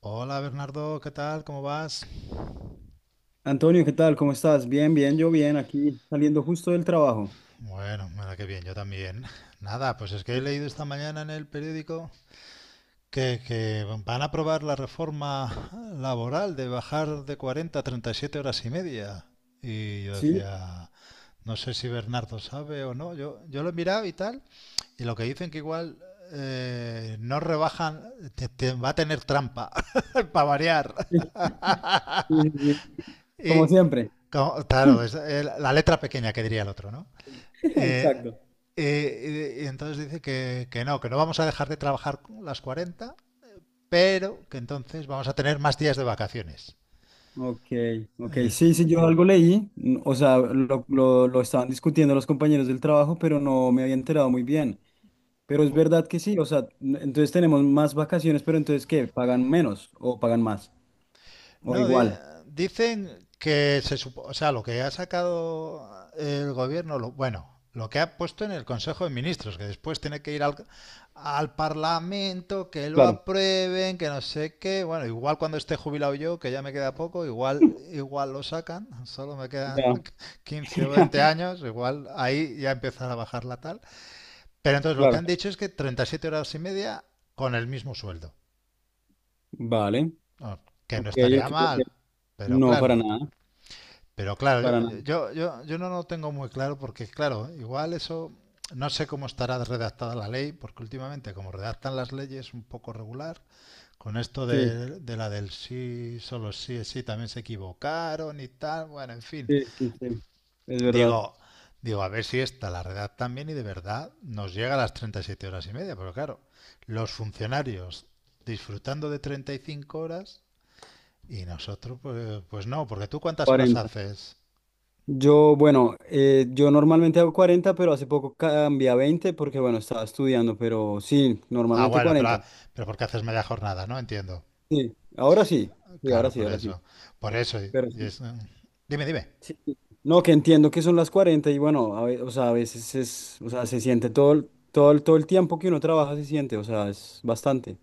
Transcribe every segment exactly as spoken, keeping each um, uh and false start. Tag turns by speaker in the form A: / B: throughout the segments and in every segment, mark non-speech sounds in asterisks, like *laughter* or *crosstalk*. A: Hola Bernardo, ¿qué tal? ¿Cómo vas?
B: Antonio, ¿qué tal? ¿Cómo estás? Bien, bien, yo bien, aquí saliendo justo del trabajo.
A: Bueno, mira qué bien, yo también. *laughs* Nada, pues es que he leído esta mañana en el periódico que, que van a aprobar la reforma laboral de bajar de cuarenta a treinta y siete horas y media. Y yo
B: Sí,
A: decía, no sé si Bernardo sabe o no. Yo, yo lo he mirado y tal, y lo que dicen que igual eh, no rebajan, te- te- va a tener trampa, *laughs* para variar.
B: sí,
A: *laughs*
B: sí, sí, sí, como
A: Y,
B: siempre.
A: como- claro,
B: *laughs*
A: es eh, la letra pequeña que diría el otro, ¿no? Eh,
B: Exacto.
A: eh, y, y entonces dice que, que no, que no vamos a dejar de trabajar las cuarenta, pero que entonces vamos a tener más días de vacaciones.
B: Ok, ok,
A: Es-
B: sí, sí, yo algo leí, mm, o sea, lo, lo, lo estaban discutiendo los compañeros del trabajo, pero no me había enterado muy bien. Pero es
A: po-
B: verdad que sí, o sea, n- entonces tenemos más vacaciones, pero entonces ¿qué? ¿Pagan menos o pagan más? O
A: No, di-
B: igual.
A: dicen que se supo, o sea, lo que ha sacado el gobierno, lo- bueno, lo que ha puesto en el Consejo de Ministros, que después tiene que ir al, al Parlamento, que lo
B: Claro,
A: aprueben, que no sé qué. Bueno, igual cuando esté jubilado yo, que ya me queda poco, igual, igual lo sacan, solo me quedan
B: ya,
A: *laughs* quince o
B: *laughs*
A: veinte años, igual ahí ya empezará a bajar la tal. Pero entonces lo que
B: claro.
A: han dicho es que treinta y siete horas y media con el mismo sueldo.
B: Vale,
A: No, que
B: ok,
A: no estaría
B: ok, ok.
A: mal, pero
B: No,
A: claro.
B: para nada,
A: Pero claro,
B: para nada.
A: yo, yo, yo, yo no lo tengo muy claro porque, claro, igual eso no sé cómo estará redactada la ley, porque últimamente como redactan las leyes un poco regular, con esto
B: Sí.
A: de, de la del sí, solo sí es sí, también se equivocaron y tal, bueno, en fin.
B: Sí, sí, sí, es
A: Digo,
B: verdad.
A: digo, a ver si esta la redactan bien y de verdad nos llega a las treinta y siete horas y media, pero claro, los funcionarios disfrutando de treinta y cinco horas y nosotros, pues, pues no, porque tú, ¿cuántas horas
B: Cuarenta.
A: haces?
B: Yo, bueno, eh, yo normalmente hago cuarenta, pero hace poco cambié a veinte porque, bueno, estaba estudiando, pero sí,
A: Ah,
B: normalmente
A: bueno, pero,
B: cuarenta.
A: pero porque haces media jornada, ¿no? Entiendo.
B: Sí, ahora sí, sí, ahora
A: Claro,
B: sí,
A: por
B: ahora sí,
A: eso. Por eso. Y-
B: pero
A: y
B: sí.
A: es, mm, dime, dime.
B: Sí, sí. No, que entiendo que son las cuarenta y bueno, a ve- o sea, a veces es, o sea, se siente todo, el- todo, el- todo el tiempo que uno trabaja se siente, o sea, es bastante.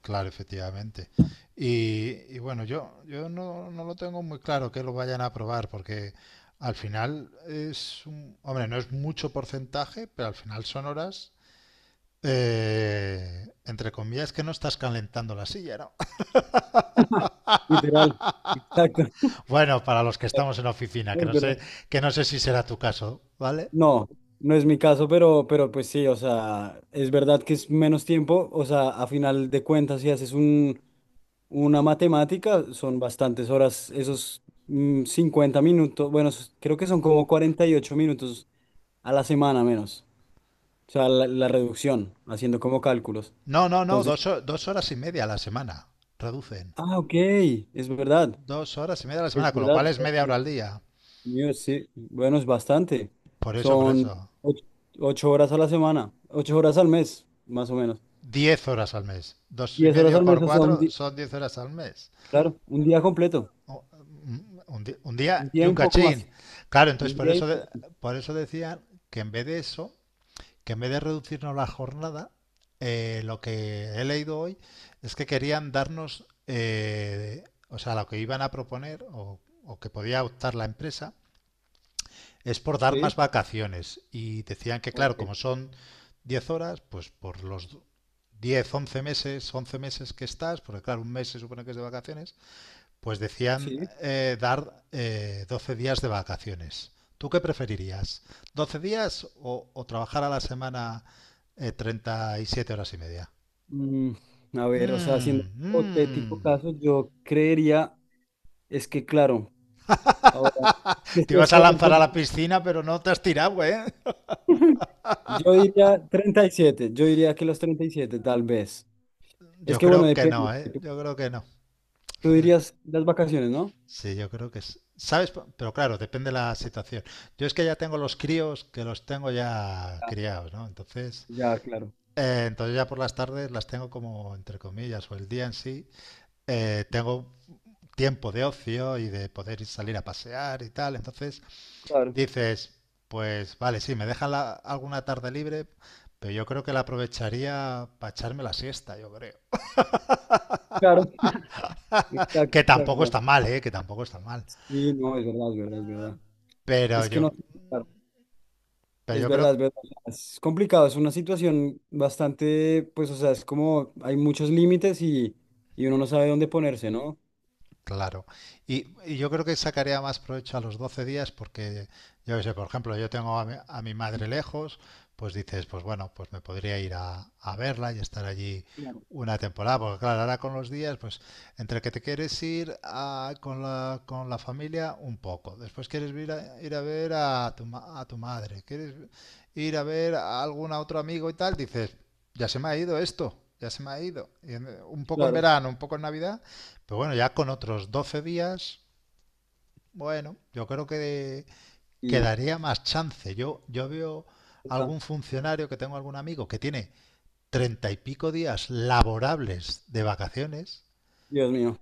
A: Claro, efectivamente. Y, y bueno, yo, yo no, no lo tengo muy claro que lo vayan a aprobar, porque al final es un... Hombre, no es mucho porcentaje, pero al final son horas, eh, entre comillas, que no estás calentando la silla, ¿no? *laughs*
B: Literal, exacto.
A: Bueno, para los que
B: *laughs*
A: estamos en oficina,
B: No,
A: que
B: es
A: no sé,
B: verdad.
A: que no sé si será tu caso, ¿vale?
B: No, no es mi caso, pero, pero pues sí, o sea, es verdad que es menos tiempo, o sea, a final de cuentas, si haces un, una matemática, son bastantes horas, esos mm, cincuenta minutos, bueno, esos- creo que son como cuarenta y ocho minutos a la semana menos, o sea, la, la reducción, haciendo como cálculos.
A: No, no, no,
B: Entonces,
A: dos, dos horas y media a la semana. Reducen.
B: ah, ok, es verdad,
A: Dos horas y media a la
B: es
A: semana, con lo
B: verdad,
A: cual es media hora
B: entonces,
A: al día.
B: sí, bueno, es bastante,
A: Por eso, por
B: son
A: eso.
B: ocho ocho horas a la semana, ocho horas al mes, más o menos.
A: Diez horas al mes. Dos y
B: Diez horas
A: medio
B: al
A: por
B: mes, o sea, un
A: cuatro
B: día,
A: son diez horas al mes.
B: claro, un día completo,
A: Un, un
B: un
A: día y
B: día y
A: un
B: un poco más,
A: cachín. Claro, entonces
B: un
A: por
B: día
A: eso,
B: y
A: de- por eso decían que en vez de eso, que en vez de reducirnos la jornada, eh, lo que he leído hoy es que querían darnos, eh, o sea, lo que iban a proponer o, o que podía optar la empresa es por dar
B: sí,
A: más vacaciones. Y decían que, claro,
B: ok,
A: como son diez horas, pues por los diez once meses, once meses que estás, porque claro, un mes se supone que es de vacaciones, pues decían
B: sí.
A: eh, dar eh, doce días de vacaciones. ¿Tú qué preferirías? ¿Doce días o, o trabajar a la semana eh, treinta y siete horas y media?
B: Mm, a ver, o sea, siendo
A: Mm,
B: hipotético
A: mm.
B: caso, yo creería, es que claro, ahora, que sí,
A: Te
B: es
A: ibas a
B: co-
A: lanzar a
B: co-
A: la piscina, pero no te has tirado, ¿eh?
B: yo diría treinta y siete, yo diría que los treinta y siete, tal vez. Es
A: Yo
B: que bueno,
A: creo que
B: depende.
A: no, ¿eh?
B: Tú
A: Yo creo que no. O
B: tú
A: sea,
B: dirías las vacaciones, ¿no?
A: sí, yo creo que es. ¿Sabes? P- Pero claro, depende de la situación. Yo es que ya tengo los críos que los tengo ya
B: Ah,
A: criados, ¿no? Entonces,
B: ya, claro,
A: eh, entonces ya por las tardes las tengo como, entre comillas, o el día en sí, eh, tengo tiempo de ocio y de poder ir- salir a pasear y tal. Entonces
B: claro,
A: dices, pues vale, sí, me dejan la- alguna tarde libre, pero yo creo que la aprovecharía para echarme la siesta, yo creo.
B: claro. Exacto,
A: Que tampoco
B: exacto.
A: está mal, ¿eh? Que tampoco está mal.
B: Sí, no, es verdad, es verdad, es verdad.
A: Pero
B: Es que no,
A: yo,
B: claro.
A: pero
B: Es
A: yo creo
B: verdad, es verdad. Es complicado, es una situación bastante, pues, o sea, es como hay muchos límites y, y uno no sabe dónde ponerse, ¿no?
A: Claro. Y, y yo creo que sacaría más provecho a los doce días porque, yo qué sé, por ejemplo, yo tengo a mi, a mi madre lejos, pues dices, pues bueno, pues me podría ir a, a verla y estar allí
B: Claro.
A: una temporada, porque claro, ahora con los días, pues entre que te quieres ir a- con la, con la familia un poco, después quieres ir a, ir a ver a tu, ma- a tu madre, quieres ir a ver a algún otro amigo y tal, dices, ya se me ha ido esto, ya se me ha ido. Y en- un poco en
B: Claro.
A: verano, un poco en Navidad, pero bueno, ya con otros doce días, bueno, yo creo que
B: Y,
A: quedaría más chance. Yo, yo veo
B: ah,
A: algún funcionario que tengo algún amigo que tiene treinta y pico días laborables de vacaciones.
B: Dios mío,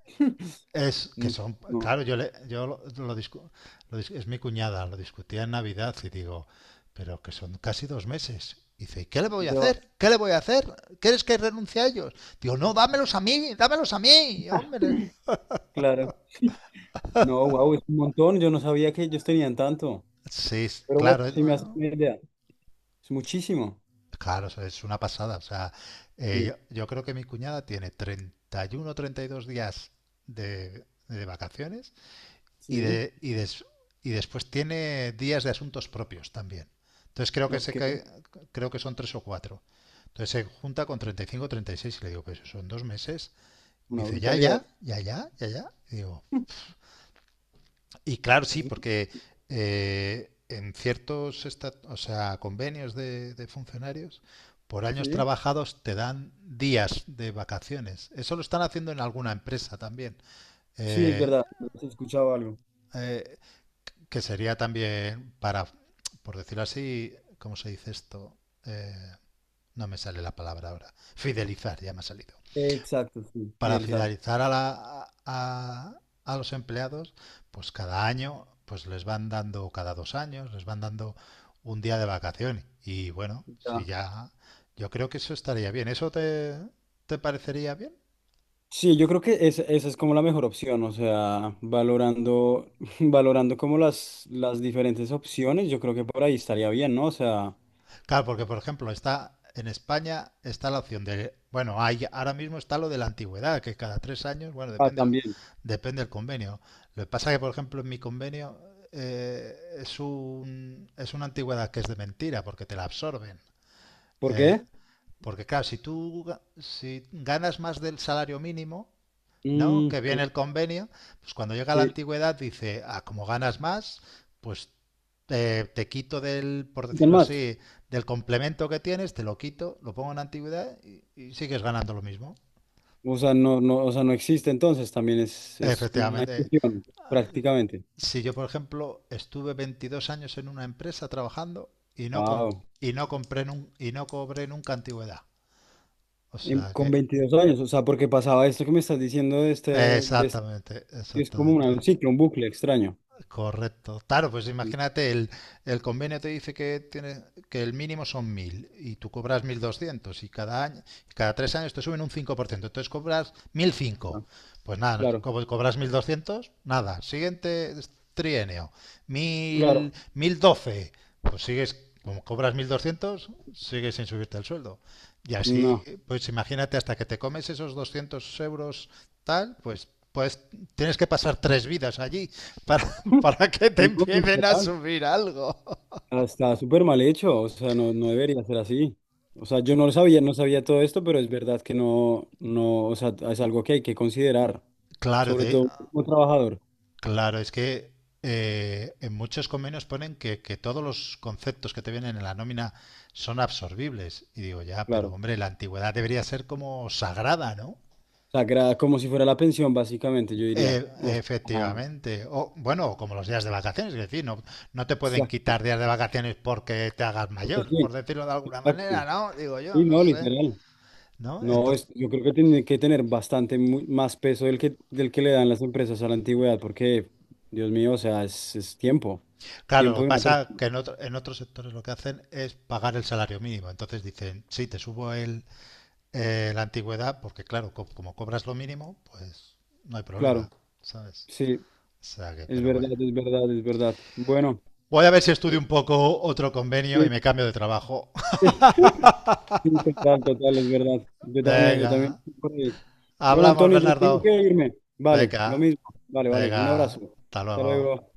A: Es que
B: no,
A: son,
B: no,
A: claro, yo, le, yo lo, lo, discu- lo es mi cuñada, lo discutía en Navidad y digo, pero que son casi dos meses. Y dice, ¿y qué le voy a
B: te va-
A: hacer? ¿Qué le voy a hacer? ¿Quieres que renuncie a ellos? Digo, no, dámelos a mí, dámelos a mí, hombre.
B: claro. No, wow, es un montón. Yo no sabía que ellos tenían tanto.
A: Sí.
B: Pero bueno,
A: Claro.
B: sí me hace una idea. Es muchísimo.
A: Claro, eso es una pasada. O sea, eh,
B: Sí,
A: yo, yo creo que mi cuñada tiene treinta y uno o treinta y dos días de, de vacaciones y,
B: sí,
A: de, y, des- y después tiene días de asuntos propios también. Entonces creo que, se,
B: ok,
A: cae- creo que son tres o cuatro. Entonces se junta con treinta y cinco o treinta y seis y seis y le digo, pues son dos meses. Me
B: una
A: dice, ya,
B: brutalidad.
A: ya, ya, ya, ya, ya. Y digo, y claro, sí,
B: Sí,
A: porque eh, en ciertos esta- o sea, convenios de, de funcionarios, por años
B: sí,
A: trabajados te dan días de vacaciones. Eso lo están haciendo en alguna empresa también.
B: sí, es
A: Eh,
B: verdad, se escuchaba algo.
A: eh, que sería también para, por decirlo así, ¿cómo se dice esto? Eh, no me sale la palabra ahora. Fidelizar, ya me ha salido.
B: Exacto, sí,
A: Para
B: fidelizar.
A: fidelizar a, la, a, a los empleados, pues cada año, pues les van dando, cada dos años, les van dando un día de vacaciones. Y bueno, si
B: Ya.
A: ya, yo creo que eso estaría bien. ¿Eso te, te parecería bien?
B: Sí, yo creo que es- esa es como la mejor opción, o sea, valorando, *laughs* valorando como las, las diferentes opciones, yo creo que por ahí estaría bien, ¿no? O sea,
A: Claro, porque por ejemplo, está en España está la opción de, bueno, hay ahora mismo está lo de la antigüedad, que cada tres años, bueno,
B: ah,
A: depende del,
B: también.
A: depende del convenio. Lo que pasa es que, por ejemplo, en mi convenio, eh, es un, es una antigüedad que es de mentira, porque te la absorben.
B: ¿Por
A: ¿Eh?
B: qué?
A: Porque claro, si tú ga- si ganas más del salario mínimo, ¿no?
B: Mm,
A: Que viene
B: claro.
A: el convenio, pues cuando llega la
B: eh,
A: antigüedad dice, ah, como ganas más, pues eh, te quito del, por
B: ¿quién
A: decirlo
B: más?
A: así, del complemento que tienes, te lo quito, lo pongo en antigüedad y, y sigues ganando lo mismo.
B: O sea, no, no, o sea, no existe entonces, también es, es una
A: Efectivamente.
B: exclusión, prácticamente.
A: Si yo, por ejemplo, estuve veintidós años en una empresa trabajando y no, com-
B: Wow.
A: y no, compré nun- y no cobré nunca antigüedad. O sea
B: Con
A: que...
B: veintidós años, o sea, porque pasaba esto que me estás diciendo de este, de este-
A: Exactamente,
B: es como una-
A: exactamente.
B: un ciclo, un bucle extraño.
A: Correcto. Claro, pues imagínate, el, el convenio te dice que tiene, que el mínimo son mil y tú cobras mil doscientos y cada año, cada tres años te suben un cinco por ciento, entonces cobras mil
B: Está,
A: cinco Pues nada, no-
B: claro,
A: como cobras mil doscientos, nada. Siguiente trienio, mil
B: claro.
A: mil doce, pues sigues, como cobras mil doscientos, sigues sin subirte el sueldo. Y así,
B: No.
A: pues imagínate, hasta que te comes esos doscientos euros tal, pues... Pues tienes que pasar tres vidas allí para,
B: *laughs*
A: para que te
B: No,
A: empiecen a
B: literal.
A: subir algo.
B: Ah, está súper mal hecho, o sea, no, no debería ser así. O sea, yo no lo sabía, no sabía todo esto, pero es verdad que no, no, o sea, es algo que hay que considerar,
A: Claro,
B: sobre
A: de,
B: todo como trabajador,
A: claro, es que eh, en muchos convenios ponen que, que todos los conceptos que te vienen en la nómina son absorbibles. Y digo, ya, pero
B: claro.
A: hombre, la antigüedad debería ser como sagrada, ¿no?
B: O sea, gra- como si fuera la pensión, básicamente, yo diría.
A: E-
B: O sea,
A: efectivamente. O, bueno, como los días de vacaciones, es decir, no, no te pueden
B: exacto.
A: quitar días de vacaciones porque te hagas
B: Porque
A: mayor, por
B: sí,
A: decirlo de alguna
B: exacto.
A: manera, ¿no? Digo yo,
B: Sí,
A: no
B: no,
A: sé.
B: literal.
A: ¿No?
B: No,
A: Entonces,
B: es, yo creo que tiene que tener bastante mu- más peso del que, del que le dan las empresas a la antigüedad, porque, Dios mío, o sea, es, es tiempo,
A: claro, lo
B: tiempo
A: que
B: de una
A: pasa
B: persona,
A: que en, otro- en otros sectores lo que hacen es pagar el salario mínimo. Entonces dicen, sí, te subo el, eh, la antigüedad, porque claro, co- como cobras lo mínimo, pues no hay problema,
B: claro.
A: ¿sabes?
B: Sí.
A: O sea que,
B: Es
A: pero bueno.
B: verdad, es verdad, es verdad. Bueno,
A: Voy a ver si estudio
B: eh,
A: un poco otro convenio y me
B: sí,
A: cambio de trabajo.
B: *laughs* sí, total, total, es verdad.
A: *laughs*
B: Yo también, yo también.
A: Venga,
B: Estoy por ahí. Bueno,
A: hablamos,
B: Antonio, yo tengo que
A: Bernardo.
B: irme. Vale, lo
A: Venga,
B: mismo. Vale, vale. Un
A: venga,
B: abrazo.
A: hasta
B: Hasta
A: luego.
B: luego.